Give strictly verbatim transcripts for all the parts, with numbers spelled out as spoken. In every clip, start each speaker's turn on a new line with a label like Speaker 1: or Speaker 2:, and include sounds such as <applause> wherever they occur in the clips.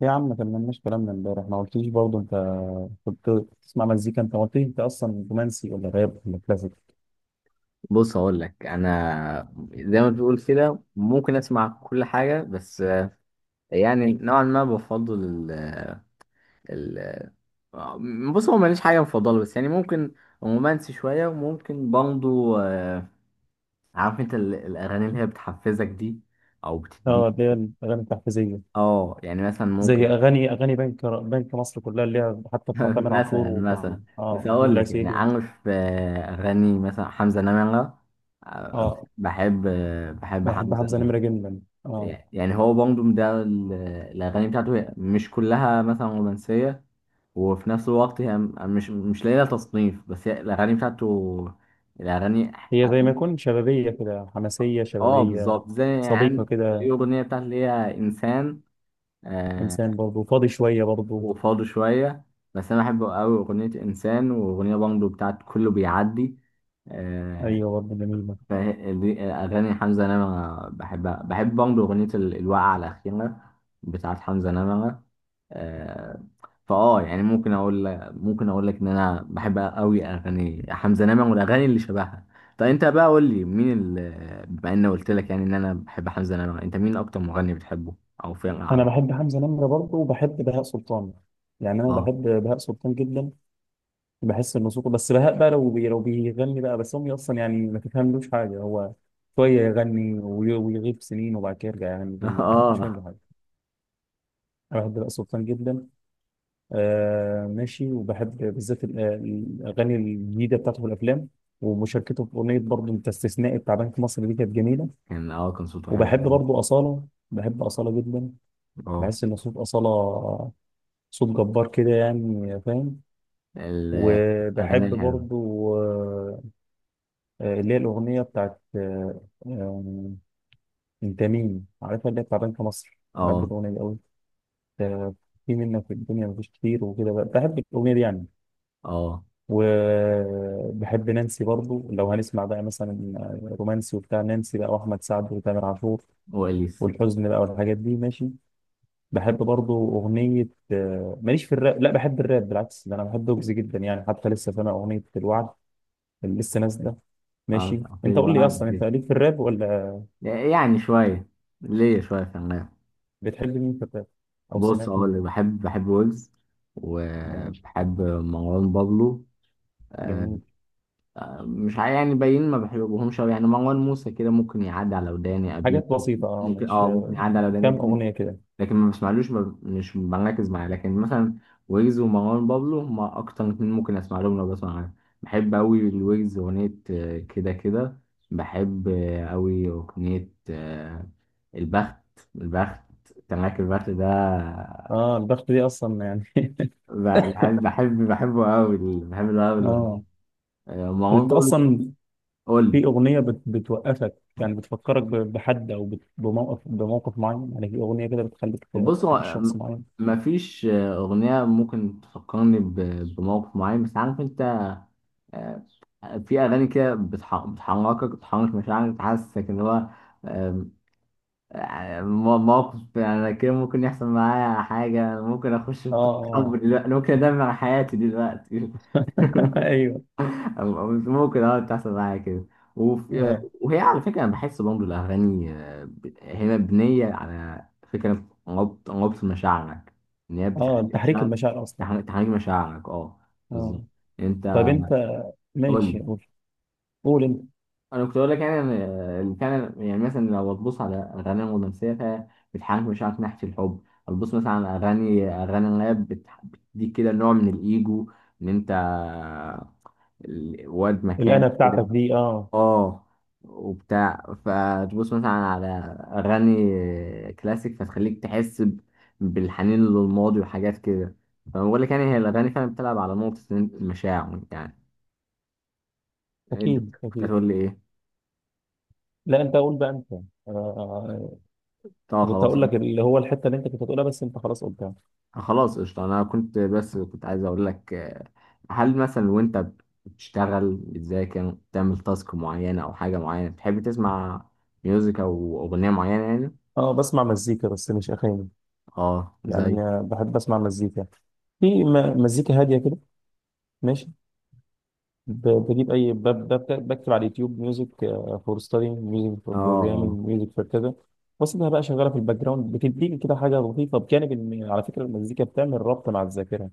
Speaker 1: يا عم ما كملناش كلامنا امبارح، ما قلتليش برضه انت كنت بتسمع مزيكا. انت ما قلتليش انت اصلا رومانسي ولا راب ولا كلاسيك؟
Speaker 2: بص هقول لك انا زي ما بتقول كده ممكن اسمع كل حاجه بس آه، يعني نوعا ما بفضل ال ال آه، بص هو ماليش حاجه مفضله بس يعني ممكن رومانسي شويه وممكن برضه آه، عارف انت ال- الاغاني اللي هي بتحفزك دي او بتديك
Speaker 1: اه، اللي هي الاغاني التحفيزيه.
Speaker 2: اه يعني مثلا
Speaker 1: زي
Speaker 2: ممكن
Speaker 1: اغاني اغاني بنك بنك مصر كلها اللي هي حتى بتاع
Speaker 2: <laughs>
Speaker 1: تامر عاشور
Speaker 2: مثلا
Speaker 1: وبتاع
Speaker 2: مثلا بس
Speaker 1: اه محمود
Speaker 2: هقول لك يعني
Speaker 1: العسيلي.
Speaker 2: عارف آه، اغاني مثلا حمزه نمره آه،
Speaker 1: اه،
Speaker 2: بحب آه، بحب
Speaker 1: أنا بحب
Speaker 2: حمزه
Speaker 1: حمزه
Speaker 2: نمرة.
Speaker 1: نمره جدا. اه،
Speaker 2: يعني هو بانجوم ده ال- الأغاني بتاعته هي مش كلها مثلا رومانسية، وفي نفس الوقت هي م- مش مش لاقية لها تصنيف، بس هي الأغاني بتاعته، الأغاني
Speaker 1: هي زي ما يكون شبابيه كده، حماسيه
Speaker 2: اه
Speaker 1: شبابيه،
Speaker 2: بالظبط زي
Speaker 1: صديقه
Speaker 2: يعني
Speaker 1: كده.
Speaker 2: الأغنية بتاعت اللي هي إنسان. آه
Speaker 1: انسان برضه فاضي شويه برضه.
Speaker 2: وفاضي شوية. بس أنا بحب أوي أغنية إنسان وأغنية بانجو بتاعت كله بيعدي آه،
Speaker 1: ايوه، برضه جميله.
Speaker 2: فه- دي أغاني حمزة نمرة بحبها، بحب برضه أغنية ال- الوقعة الأخيرة بتاعت حمزة نمرة آه، فأه يعني ممكن أقول، ممكن أقول لك إن أنا بحب أوي أغاني حمزة نمرة والأغاني اللي شبهها. طب أنت بقى قول لي مين ال، بما إني قلت لك يعني إن أنا بحب حمزة نمرة، أنت مين أكتر مغني بتحبه أو فرقة
Speaker 1: انا
Speaker 2: عامة؟
Speaker 1: بحب حمزه نمره برضه، وبحب بهاء سلطان. يعني انا
Speaker 2: أه.
Speaker 1: بحب بهاء سلطان جدا. بحس انه صوته، بس بهاء بقى لو بي لو بيغني بقى، بس امي اصلا يعني ما تفهملوش حاجه. هو شويه يغني وي- ويغيب سنين وبعد كده يرجع يغني
Speaker 2: <laughs>
Speaker 1: تاني، ما حدش فاهم
Speaker 2: أه.
Speaker 1: له حاجه. انا بحب بقى سلطان جدا. آه ماشي، وبحب بالذات ال- الاغاني الجديده بتاعته في الافلام. ومشاركته في اغنيه برضه، انت استثنائي بتاع بنك مصر دي كانت جميله.
Speaker 2: كان أه كان صوته حلو.
Speaker 1: وبحب برضه اصاله، بحب اصاله جدا.
Speaker 2: أه.
Speaker 1: بحس ان صوت اصاله صوت جبار كده، يعني فاهم.
Speaker 2: الأغاني
Speaker 1: وبحب
Speaker 2: الحلوة.
Speaker 1: برضه آه، اللي هي الأغنية بتاعت آه، آه، أنت مين؟ عارفها، اللي هي بتاع بنك مصر. بحب
Speaker 2: أه.
Speaker 1: الأغنية دي أوي. آه، في منك في الدنيا مفيش كتير وكده بقى. بحب الأغنية دي يعني.
Speaker 2: أه.
Speaker 1: وبحب نانسي برضو. لو هنسمع بقى مثلا آه، رومانسي وبتاع، نانسي بقى وأحمد سعد وتامر عاشور
Speaker 2: وإليس.
Speaker 1: والحزن بقى والحاجات دي، ماشي. بحب برضو أغنية آه، ماليش في الراب، لا بحب الراب بالعكس. ده أنا بحب ويجز جدا، يعني حتى لسه سامع أغنية الوعد اللي لسه نازلة. ماشي،
Speaker 2: اه، في
Speaker 1: أنت قول لي
Speaker 2: الوعد
Speaker 1: أصلا أنت
Speaker 2: كده،
Speaker 1: ليك في الراب ولا؟
Speaker 2: يعني شوية، ليه شوية كمان.
Speaker 1: بتحب مين في الراب او
Speaker 2: بص
Speaker 1: سمعت
Speaker 2: اقول
Speaker 1: مين؟
Speaker 2: لك، بحب بحب ويجز
Speaker 1: يعني
Speaker 2: وبحب مروان بابلو آه،
Speaker 1: جميل.
Speaker 2: مش عا- يعني باين ما بحبهمش أوي، يعني مروان موسى كده ممكن يعدي على وداني، ابي
Speaker 1: حاجات
Speaker 2: يوسف
Speaker 1: بسيطه، اه
Speaker 2: ممكن،
Speaker 1: مش
Speaker 2: اه ممكن يعدي على وداني،
Speaker 1: كام
Speaker 2: لكن
Speaker 1: اغنيه كده.
Speaker 2: لكن ما بسمعلوش ما- مش بركز معاه. لكن مثلا ويجز ومروان بابلو هما أكتر اتنين ممكن أسمع لهم لو بسمع أغاني. بحب أوي الويجز أغنية آه، كده كده، بحب آه، أوي أغنية آه، البخت البخت، تراك البخت ده،
Speaker 1: اه، البخت دي اصلا يعني.
Speaker 2: ب- بحب بحب بحبه أوي، بحب ده أوي
Speaker 1: <laughs> اه.
Speaker 2: آه،
Speaker 1: طب
Speaker 2: مروان
Speaker 1: انت
Speaker 2: بابلو.
Speaker 1: اصلا
Speaker 2: قول.
Speaker 1: في اغنيه بت... بتوقفك، يعني بتفكرك ب... بحد، او بت... بموقف بموقف معين؟ يعني في اغنيه كده بتخليك ت-
Speaker 2: بص هو
Speaker 1: تفتكر
Speaker 2: آه،
Speaker 1: شخص
Speaker 2: م-
Speaker 1: معين.
Speaker 2: مفيش آه، أغنية ممكن تفكرني ب- بموقف معين، بس عارف أنت آه، في اغاني كده بتح- بتحركك، بتحرك مشاعرك، بتحسسك ان هو آم، آه، مو- موقف، يعني أنا كده ممكن يحصل معايا حاجة، ممكن أخش في
Speaker 1: اه،
Speaker 2: قصة حب
Speaker 1: اه.
Speaker 2: دلوقتي، ممكن أدمر حياتي دلوقتي.
Speaker 1: <laughs>
Speaker 2: <laughs>
Speaker 1: ايوه.
Speaker 2: أو- أو ممكن أه تحصل معايا كده. وفي
Speaker 1: اه،
Speaker 2: وهي على فكرة أنا بحس برضه الأغاني آه، ب- هي مبنية على فكرة ربط ربط مشاعرك. إن هي
Speaker 1: اه،
Speaker 2: بتخلي
Speaker 1: تحريك
Speaker 2: مشاعرك
Speaker 1: المشاعر اصلا.
Speaker 2: تحرك تحرك مشاعرك، أه
Speaker 1: اه.
Speaker 2: بالظبط.
Speaker 1: طب
Speaker 2: أنت
Speaker 1: انت،
Speaker 2: قول
Speaker 1: ماشي
Speaker 2: لي.
Speaker 1: قول. قول انت.
Speaker 2: انا كنت اقول لك يعني ان إن كان، يعني مثلا لو تبص على اغاني رومانسيه فبتحاكي مشاعرك ناحيه الحب، هتبص مثلا على اغاني اغاني راب، بتح- بتديك كده نوع من الايجو، ان انت ال- واد مكان
Speaker 1: الأنا
Speaker 2: كده.
Speaker 1: بتاعتك دي، اه.
Speaker 2: اه. وبتاع، فتبص مثلا على اغاني كلاسيك فتخليك تحس ب- بالحنين للماضي وحاجات كده. فانا بقول لك يعني هي الاغاني فعلا بتلعب على نقطه المشاعر يعني. انت
Speaker 1: أكيد،
Speaker 2: كنت
Speaker 1: أكيد.
Speaker 2: هتقول لي ايه؟
Speaker 1: لا أنت قول بقى أنت. آه،
Speaker 2: اه
Speaker 1: كنت
Speaker 2: خلاص.
Speaker 1: هقول لك اللي هو الحته اللي انت كنت هتقولها، بس انت خلاص قلتها.
Speaker 2: خلاص قشطة. أنا كنت بس كنت عايز أقول لك آه، هل مثلا وأنت بتشتغل، بتذاكر، بتعمل تاسك معينة أو حاجة معينة، بتحب تسمع ميوزك أو أغنية معينة يعني؟
Speaker 1: اه، بسمع مزيكا بس مش اغاني.
Speaker 2: أه زي.
Speaker 1: يعني آه، بحب اسمع مزيكا. في م- مزيكا هاديه كده، ماشي. ب- بجيب اي ب- ب- بكتب على اليوتيوب ميوزك فور ستادي، ميوزك فور
Speaker 2: أه
Speaker 1: بروجرامينج،
Speaker 2: أه.
Speaker 1: ميوزك فور كذا. واسيبها بقى شغاله في الباك جراوند، بتديني كده حاجه لطيفه. بجانب ان على فكره المزيكا بتعمل ربط مع الذاكره.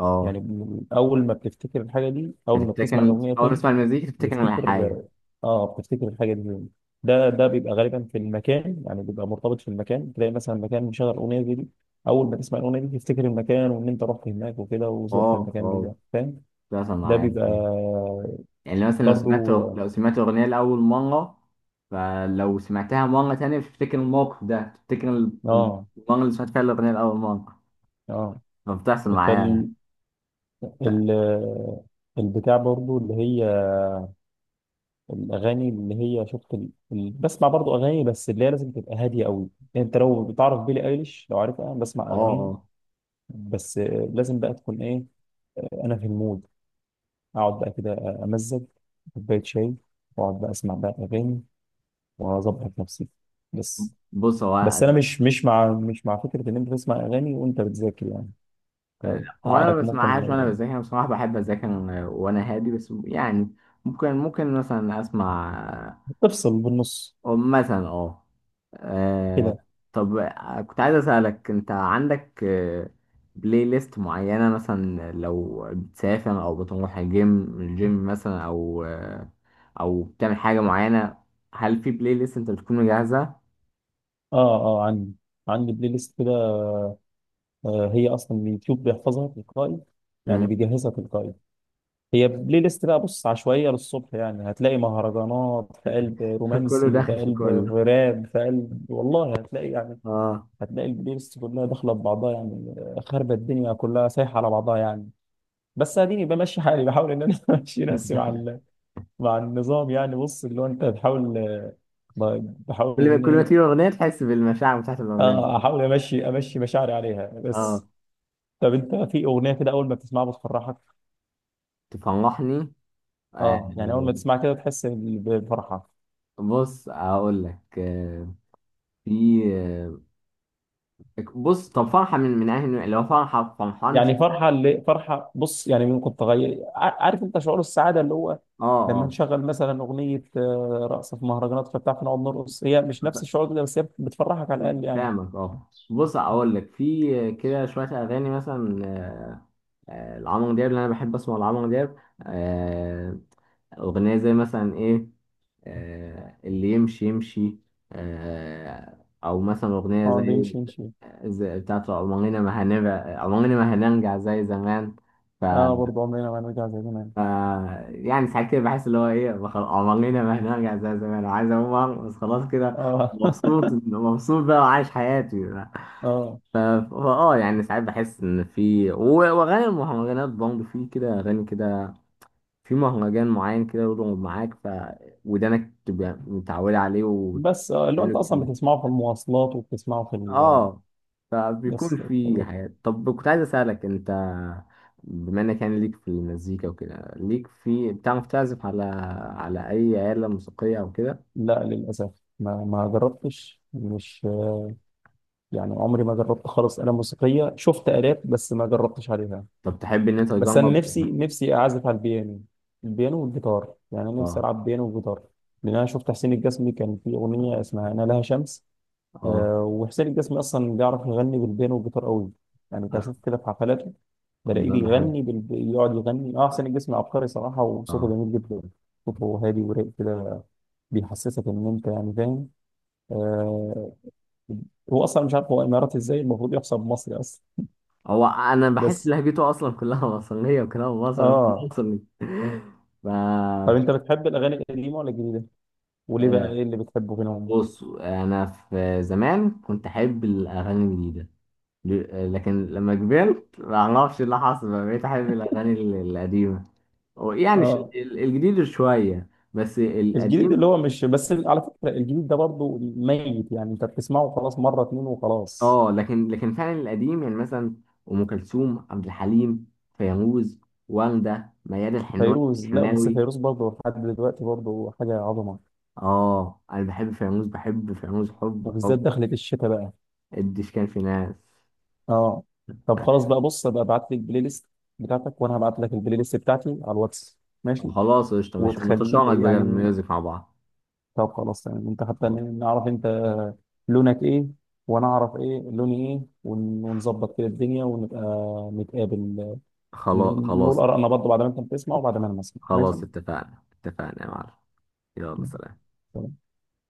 Speaker 2: أه
Speaker 1: يعني ب- اول ما بتفتكر الحاجه دي، اول ما
Speaker 2: فتفتكر.
Speaker 1: بتسمع الاغنيه
Speaker 2: أول ما
Speaker 1: تاني
Speaker 2: تسمع المزيكا تفتكر على حاجة.
Speaker 1: بتفتكر. اه، بتفتكر الحاجه دي منين؟ ده ده بيبقى غالبا في المكان، يعني بيبقى مرتبط في المكان. تلاقي مثلا مكان مشغل اغنيه زي دي، اول ما تسمع الاغنيه دي تفتكر المكان وان انت رحت هناك وكده وزرت
Speaker 2: أه
Speaker 1: المكان دي،
Speaker 2: أه.
Speaker 1: ده فاهم.
Speaker 2: بتحصل
Speaker 1: ده
Speaker 2: معايا.
Speaker 1: بيبقى
Speaker 2: يعني مثلا لو سمعت،
Speaker 1: برضو، اه
Speaker 2: لو سمعت أغنية لأول مرة، فلو سمعتها مرة تانية بتفتكر الموقف ده، بتفتكر
Speaker 1: اه.
Speaker 2: المرة اللي سمعت فيها الأغنية لأول مرة.
Speaker 1: آه.
Speaker 2: فبتحصل معايا.
Speaker 1: فال ال البتاع برضو اللي هي الاغاني اللي هي شفت ال... ال... بسمع برضو اغاني بس اللي هي لازم تبقى هاديه قوي. انت لو بتعرف بيلي ايليش، لو عارفها بسمع
Speaker 2: اه
Speaker 1: اغانيها.
Speaker 2: اه.
Speaker 1: بس لازم بقى تكون ايه، انا في المود، اقعد بقى كده، امزج كوبايه شاي، واقعد بقى اسمع بقى اغاني، واظبط نفسي. بس.
Speaker 2: بص هو،
Speaker 1: بس انا مش مش مع مش مع فكره ان انت تسمع اغاني وانت بتذاكر، يعني
Speaker 2: هو انا ما
Speaker 1: عقلك ممكن
Speaker 2: بسمعهاش وانا بذاكر، انا بصراحه بحب اذاكر وانا هادي، بس يعني ممكن، ممكن مثلا اسمع
Speaker 1: تفصل بالنص
Speaker 2: أو مثلا اه آه،
Speaker 1: كده.
Speaker 2: طب كنت عايز اسالك انت عندك آه، بلاي ليست معينه، مثلا لو بتسافر او بتروح الجيم الجيم مثلا او آه، او بتعمل حاجه معينه، هل في بلاي ليست انت بتكون مجهزها؟
Speaker 1: اه اه. عندي، عندي بلاي ليست كده. آه هي اصلا اليوتيوب بيحفظها تلقائي، يعني
Speaker 2: مم.
Speaker 1: بيجهزها تلقائي. هي بلاي ليست بقى، بص، عشوائيه للصبح. يعني هتلاقي مهرجانات في قلب
Speaker 2: <laughs> كله
Speaker 1: رومانسي، في
Speaker 2: داخل في
Speaker 1: قلب
Speaker 2: كله.
Speaker 1: راب في قلب، والله هتلاقي يعني.
Speaker 2: اه،
Speaker 1: هتلاقي البلاylist كلها داخله في بعضها يعني، خاربه الدنيا كلها سايحه على بعضها يعني. بس اديني بمشي حالي، بحاول ان انا <laughs> امشي نفسي مع ال- مع النظام. يعني بص اللي هو انت بتحاول، ب- بحاول
Speaker 2: كل ما
Speaker 1: ان
Speaker 2: كل ما تيجي
Speaker 1: ايه.
Speaker 2: اغنيه تحس بالمشاعر بتاعت الاغنيه
Speaker 1: اه
Speaker 2: دي.
Speaker 1: احاول امشي امشي مشاعري عليها
Speaker 2: اه
Speaker 1: بس. طب انت في اغنيه كده اول ما بتسمعها بتفرحك؟
Speaker 2: تفرحني آه،
Speaker 1: اه، يعني اول ما تسمعها كده تحس ب- بفرحه.
Speaker 2: بص اقول لك آه، في آه، بص طب فرحه، من من اهل لو فرحه، فرحان مش.
Speaker 1: يعني فرحه اللي فرحه، بص يعني ممكن تغير ع- عارف انت شعور السعاده اللي هو
Speaker 2: اه
Speaker 1: لما
Speaker 2: اه
Speaker 1: نشغل مثلا اغنيه آه، رقص في مهرجانات فبتاع، فنقعد نرقص. هي مش نفس الشعور ده، بس هي بتفرحك على الاقل يعني.
Speaker 2: فاهمك. اه بص اقول لك في آه، كده شويه اغاني مثلا آه، آه، لعمرو دياب، اللي انا بحب اسمع لعمرو دياب آه، اغنيه زي مثلا ايه آه، اللي يمشي يمشي آه، أو مثلا أغنية
Speaker 1: اه، اللي
Speaker 2: زي،
Speaker 1: يمشي يمشي.
Speaker 2: زي بتاعت عمرنا ما هنبقى، عمرنا ما هنرجع زي زمان. ف...
Speaker 1: اه، برضه عمرنا ما هنرجع زي زمان.
Speaker 2: ف... يعني ساعات كده بحس اللي هو إيه، بخ- عمرنا ما هنرجع زي زمان، وعايز أقوم بس خلاص كده،
Speaker 1: اه.
Speaker 2: مبسوط مبسوط بقى وعايش حياتي بقى.
Speaker 1: <laughs> اه.
Speaker 2: ف... فا اه يعني ساعات بحس ان في و- واغاني المهرجانات برضه، في كده اغاني كده، في مهرجان معين كده يضرب معاك، ف ودانك تبقى متعودة عليه
Speaker 1: بس آه اللي هو
Speaker 2: وتقوله
Speaker 1: انت اصلا
Speaker 2: كتير.
Speaker 1: بتسمعه في المواصلات، وبتسمعه في ال،
Speaker 2: اه فبيكون
Speaker 1: بس.
Speaker 2: في حاجات. طب كنت عايز أسألك انت، بما انك يعني ليك في المزيكا وكده، ليك في، بتعرف تعزف على، على اي آلة موسيقية او كده؟
Speaker 1: لا للاسف ما ما جربتش، مش يعني عمري ما جربت خالص آلة موسيقية. شفت آلات بس ما جربتش عليها.
Speaker 2: طب تحب ان انت
Speaker 1: بس انا
Speaker 2: تجرب؟
Speaker 1: نفسي، نفسي اعزف على البيانو. البيانو والجيتار، يعني انا نفسي
Speaker 2: اه
Speaker 1: العب بيانو وجيتار. لان انا شفت حسين الجسمي كان في اغنيه اسمها انا لها شمس.
Speaker 2: اه
Speaker 1: آه، وحسين الجسمي اصلا بيعرف يغني بالبيانو والجيتار قوي. يعني بشوف كده في حفلاته بلاقيه
Speaker 2: انا بحب.
Speaker 1: بيغني بال... يقعد يغني. اه، حسين الجسمي عبقري صراحه، وصوته
Speaker 2: اه.
Speaker 1: جميل جدا. صوته هادي ورايق كده، بيحسسك ان انت يعني فاهم. آه، هو اصلا مش عارف، هو اماراتي ازاي؟ المفروض يحسب مصري اصلا.
Speaker 2: هو انا بحس
Speaker 1: بس
Speaker 2: لهجته اصلا كلها <laughs> مصرية، وكلام مصري <laughs>
Speaker 1: اه.
Speaker 2: مصري.
Speaker 1: طب
Speaker 2: ف
Speaker 1: انت بتحب الاغاني القديمه ولا الجديده؟ وليه بقى،
Speaker 2: آه،
Speaker 1: ايه اللي بتحبه فيهم؟
Speaker 2: بص انا في زمان كنت احب الاغاني الجديده، ل- لكن لما كبرت ما اعرفش إيه اللي حصل بقى بقيت احب الاغاني ال- القديمه، أو يعني ش-
Speaker 1: اه،
Speaker 2: ال- الجديد شويه بس
Speaker 1: الجديد
Speaker 2: القديم.
Speaker 1: اللي هو مش، بس على فكرة الجديد ده برضه ميت، يعني انت بتسمعه خلاص مرة اتنين وخلاص.
Speaker 2: اه لكن لكن فعلا القديم، يعني مثلا ام كلثوم، عبد الحليم، فيروز، وردة، ميادة الحناوي
Speaker 1: فيروز لا، بس
Speaker 2: الحناوي
Speaker 1: فيروز برضه لحد دلوقتي برضه حاجة عظمة.
Speaker 2: اه انا بحب فيروز، بحب فيروز حب
Speaker 1: وبالذات
Speaker 2: حب.
Speaker 1: دخلت الشتاء بقى.
Speaker 2: الدش كان في ناس.
Speaker 1: اه. طب خلاص بقى، بص ابقى ابعت لي البلاي ليست بتاعتك، وانا هبعت لك البلاي ليست بتاعتي على الواتس، ماشي؟
Speaker 2: خلاص قشطه ماشي، نتشارك
Speaker 1: وتخلي
Speaker 2: بقى
Speaker 1: يعني،
Speaker 2: الميوزك مع
Speaker 1: طب خلاص تمام. انت حتى
Speaker 2: بعض.
Speaker 1: ن- نعرف انت لونك ايه، وانا اعرف ايه لوني ايه، ون- ونظبط كده الدنيا، ونبقى نتقابل
Speaker 2: خلاص
Speaker 1: نقول
Speaker 2: خلاص.
Speaker 1: آرائنا برضه بعد ما أنت بتسمع وبعد ما أنا بسمع، ماشي؟
Speaker 2: خلاص اتفقنا اتفقنا يا معلم. يلا سلام.
Speaker 1: تمام.